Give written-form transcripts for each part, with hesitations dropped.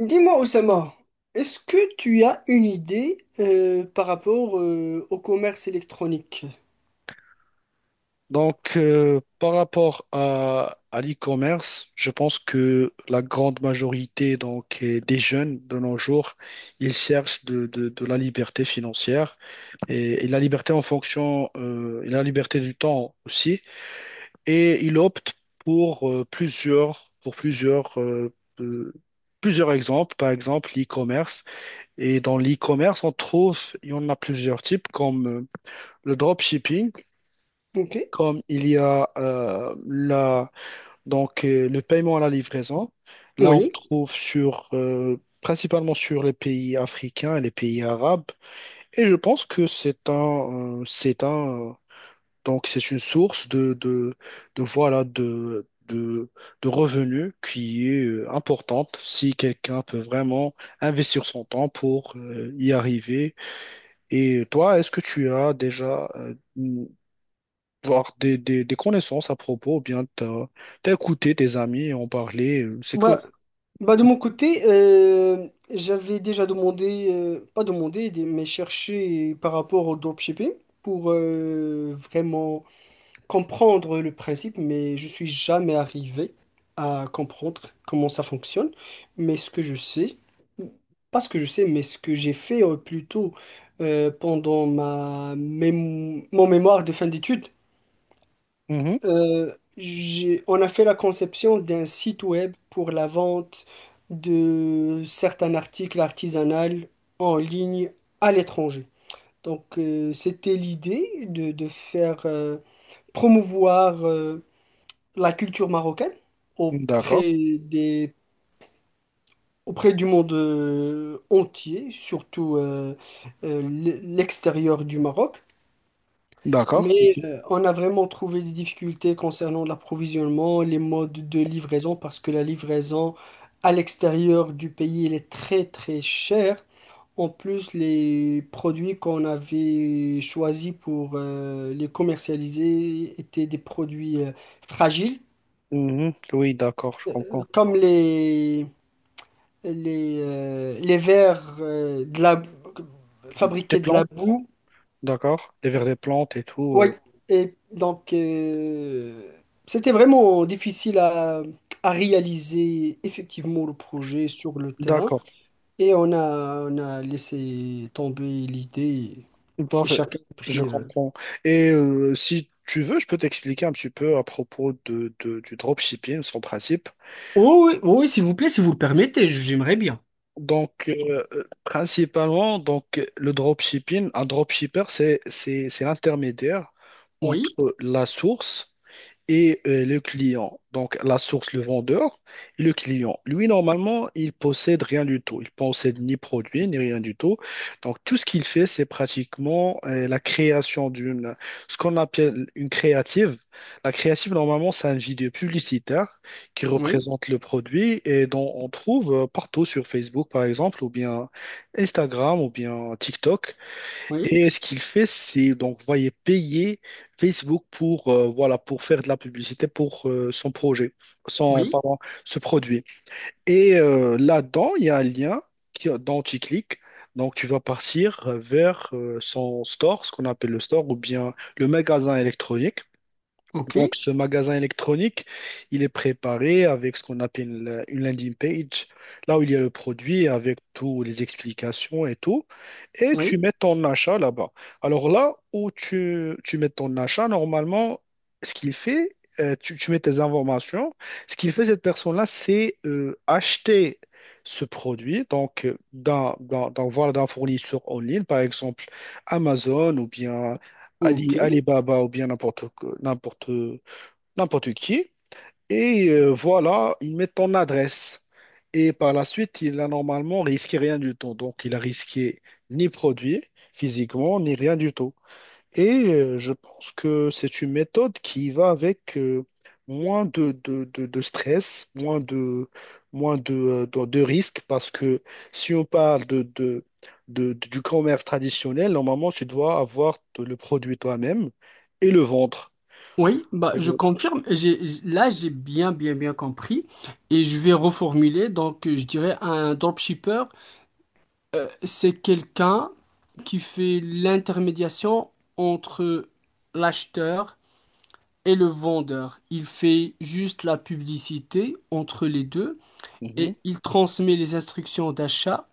Dis-moi, Oussama, est-ce que tu as une idée par rapport au commerce électronique? Par rapport à l'e-commerce, je pense que la grande majorité des jeunes de nos jours, ils cherchent de la liberté financière et la liberté en fonction, et la liberté du temps aussi. Et ils optent pour pour plusieurs, euh, plusieurs exemples, par exemple l'e-commerce. Et dans l'e-commerce, on trouve, il y en a plusieurs types, comme le dropshipping, Ok. comme il y a le paiement à la livraison, là, on Oui. trouve sur, principalement sur les pays africains et les pays arabes. Et je pense que donc c'est une source de voilà, de revenus qui est importante si quelqu'un peut vraiment investir son temps pour y arriver. Et toi, est-ce que tu as déjà voir des connaissances à propos, ou bien t'as écouté tes amis et en parler. C'est que. Bah, bah de mon côté, j'avais déjà demandé, pas demandé, des- mais cherché par rapport au dropshipping pour vraiment comprendre le principe, mais je suis jamais arrivé à comprendre comment ça fonctionne. Mais ce que je sais, pas ce que je sais, mais ce que j'ai fait plutôt pendant mon mémoire de fin d'études, Mhm. On a fait la conception d'un site web pour la vente de certains articles artisanaux en ligne à l'étranger. Donc, c'était l'idée de faire promouvoir la culture marocaine D'accord, auprès des, auprès du monde entier, surtout l'extérieur du Maroc. d'accord, Mais ok. On a vraiment trouvé des difficultés concernant l'approvisionnement, les modes de livraison, parce que la livraison à l'extérieur du pays, elle est très très chère. En plus, les produits qu'on avait choisis pour les commercialiser étaient des produits fragiles, Mhm. Oui, d'accord, je euh, comprends. comme les, les verres Tes fabriqués de la plantes, boue. d'accord, les vers des plantes et tout. Oui, euh, et donc c'était vraiment difficile à réaliser effectivement le projet sur le terrain. D'accord, On a laissé tomber l'idée et parfait, chacun a je pris. Comprends. Et si tu veux, je peux t'expliquer un petit peu à propos du dropshipping, son principe. Oh oui, oh oui, s'il vous plaît, si vous le permettez, j'aimerais bien. Principalement, donc, le dropshipping, un dropshipper, c'est l'intermédiaire Oui, entre la source et le client, donc la source, le vendeur, et le client. Lui, normalement, il possède rien du tout. Il possède ni produit, ni rien du tout. Donc, tout ce qu'il fait, c'est pratiquement la création d'une, ce qu'on appelle une créative. La créative, normalement, c'est un vidéo publicitaire qui oui, représente le produit et dont on trouve partout sur Facebook, par exemple, ou bien Instagram, ou bien TikTok. oui, Et ce qu'il fait, c'est donc voyez payer Facebook pour voilà pour faire de la publicité pour son projet, son oui, pardon, ce produit. Et là-dedans, il y a un lien qui, dont tu cliques. Donc tu vas partir vers son store, ce qu'on appelle le store, ou bien le magasin électronique. ok, Donc, ce magasin électronique, il est préparé avec ce qu'on appelle une landing page, là où il y a le produit avec toutes les explications et tout, et tu oui, mets ton achat là-bas. Alors là où tu mets ton achat, normalement, ce qu'il fait, tu mets tes informations, ce qu'il fait cette personne-là, c'est acheter ce produit, donc d'un fournisseur en ligne, par exemple Amazon ou bien ok. Alibaba ou bien n'importe que- n'importe n'importe qui. Et voilà, il met ton adresse. Et par la suite, il a normalement risqué rien du tout. Donc, il a risqué ni produit physiquement, ni rien du tout. Et je pense que c'est une méthode qui va avec moins de stress, moins de, de risques, parce que si on parle du commerce traditionnel, normalement, tu dois avoir le produit toi-même et le vendre. Oui, bah, je Euh, confirme. J'ai bien, bien, bien compris. Et je vais reformuler. Donc, je dirais un dropshipper, c'est quelqu'un qui fait l'intermédiation entre l'acheteur et le vendeur. Il fait juste la publicité entre les deux mhm. et il transmet les instructions d'achat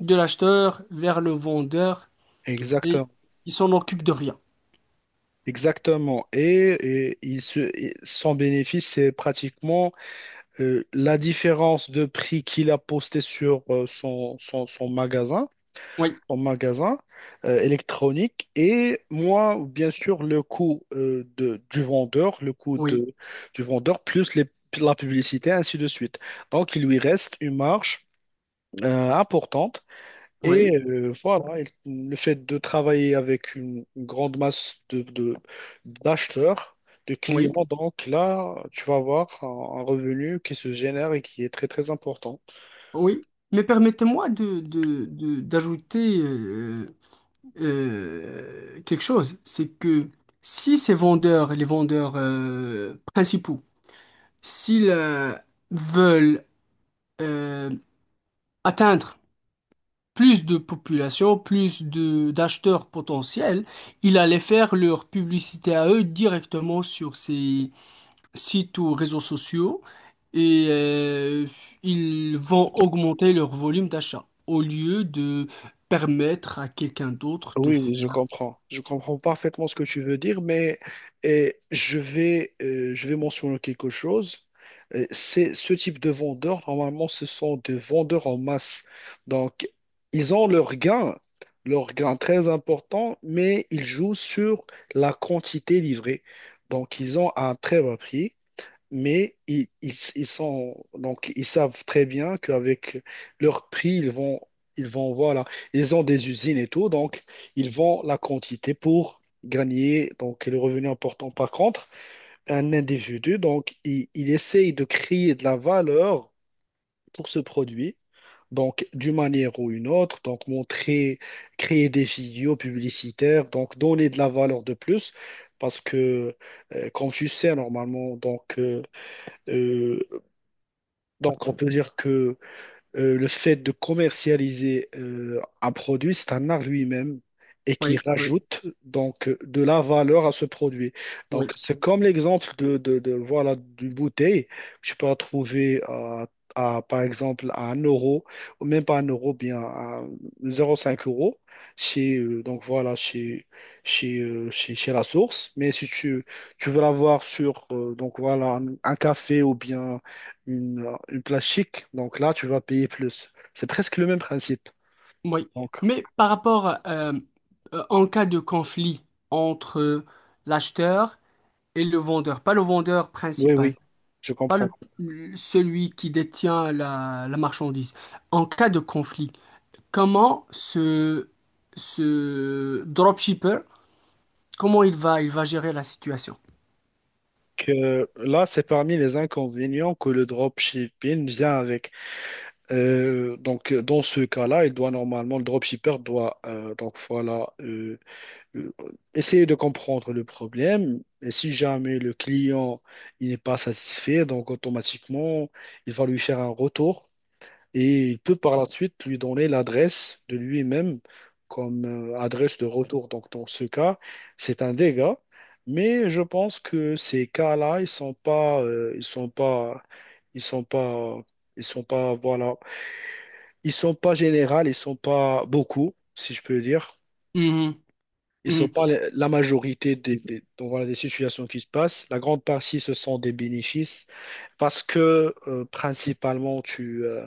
de l'acheteur vers le vendeur et Exactement. il s'en occupe de rien. Exactement. Et, et son bénéfice, c'est pratiquement la différence de prix qu'il a posté sur Oui, son magasin électronique. Et moi, bien sûr, le coût du vendeur, le coût oui, de, du vendeur, la publicité, ainsi de suite. Donc, il lui reste une marge importante. Et oui, voilà, et le fait de travailler avec une grande masse d'acheteurs, de oui. clients, donc là, tu vas avoir un revenu qui se génère et qui est très très important. Oui, mais permettez-moi d'ajouter quelque chose. C'est que si ces vendeurs, les vendeurs principaux, s'ils veulent euh, atteindre plus de population, plus de d'acheteurs potentiels, ils allaient faire leur publicité à eux directement sur ces sites ou réseaux sociaux. Et ils vont augmenter leur volume d'achat au lieu de permettre à quelqu'un d'autre de Oui, oui, je faire. comprends. Je comprends parfaitement ce que tu veux dire, mais je vais mentionner quelque chose. C'est ce type de vendeurs, normalement, ce sont des vendeurs en masse. Donc, ils ont leur gain très important, mais ils jouent sur la quantité livrée. Donc, ils ont un très bas prix mais ils sont donc ils savent très bien qu'avec leur prix, ils vont voilà, ils ont des usines et tout, donc ils vendent la quantité pour gagner donc le revenu important. Par contre, un individu il essaye de créer de la valeur pour ce produit. Donc, d'une manière ou une autre, donc montrer, créer des vidéos publicitaires, donc donner de la valeur de plus, parce que, comme tu sais, normalement, euh, donc, on peut dire que le fait de commercialiser un produit, c'est un art lui-même et qui Oui, oui, rajoute donc de la valeur à ce produit. oui, Donc, c'est comme l'exemple voilà d'une bouteille. Tu peux la trouver par exemple à un euro ou même pas un euro, bien à 0,5 € chez donc voilà chez chez la source. Mais si tu veux l'avoir sur donc voilà un café ou bien une place chic. Donc là, tu vas payer plus. C'est presque le même principe. oui. Donc, Mais par rapport, en cas de conflit entre l'acheteur et le vendeur, pas le vendeur oui, principal, oui, je pas le, comprends. celui qui détient la marchandise, en cas de conflit, comment ce, ce dropshipper, comment il va gérer la situation? Que là, c'est parmi les inconvénients que le dropshipping vient avec. Donc, dans ce cas-là, il doit normalement, le dropshipper doit donc voilà euh, essayer de comprendre le problème. Et si jamais le client il n'est pas satisfait, donc automatiquement, il va lui faire un retour. Et il peut par la suite lui donner l'adresse de lui-même comme adresse de retour. Donc dans ce cas, c'est un dégât, mais je pense que ces cas-là, ils sont pas, ils sont pas, voilà, ils sont pas généraux, ils sont pas beaucoup, si je peux dire. Ils sont pas Mhm. La majorité donc voilà, des situations qui se passent. La grande partie, ce sont des bénéfices parce que principalement, tu, euh,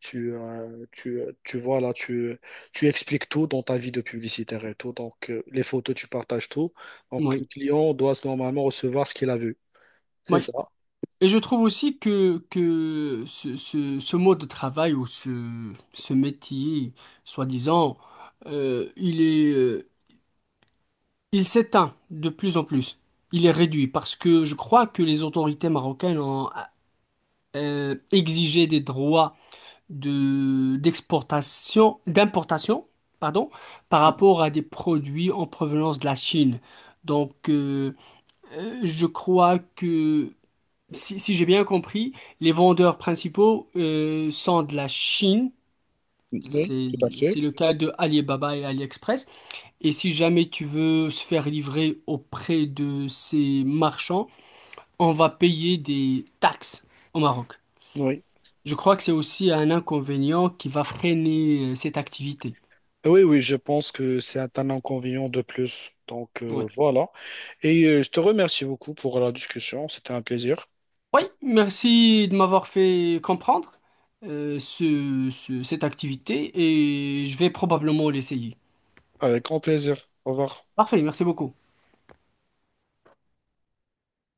tu, euh, tu, euh, tu, vois, tu expliques tout dans ta vie de publicitaire et tout. Donc, les photos, tu partages tout. Donc, le Oui, client doit normalement recevoir ce qu'il a vu. C'est oui. ça. Et je trouve aussi que ce mode de travail ou ce métier, soi-disant, euh, il est, euh, il s'éteint de plus en plus. Il est réduit parce que je crois que les autorités marocaines ont exigé des droits d'exportation, d'importation, pardon, par Mhm. rapport à des produits en provenance de la Chine. Donc, je crois que si, si j'ai bien compris, les vendeurs principaux sont de la Chine, Oui, c'est tout à fait. c'est le cas de Alibaba et AliExpress. Et si jamais tu veux se faire livrer auprès de ces marchands, on va payer des taxes au Maroc. Oui. Je crois que c'est aussi un inconvénient qui va freiner cette activité. Oui, oui, je pense que c'est un inconvénient de plus. Donc Ouais. voilà. Et je te remercie beaucoup pour la discussion. C'était un plaisir. Oui, merci de m'avoir fait comprendre cette activité et je vais probablement l'essayer. Avec grand plaisir. Au revoir. Parfait, merci beaucoup.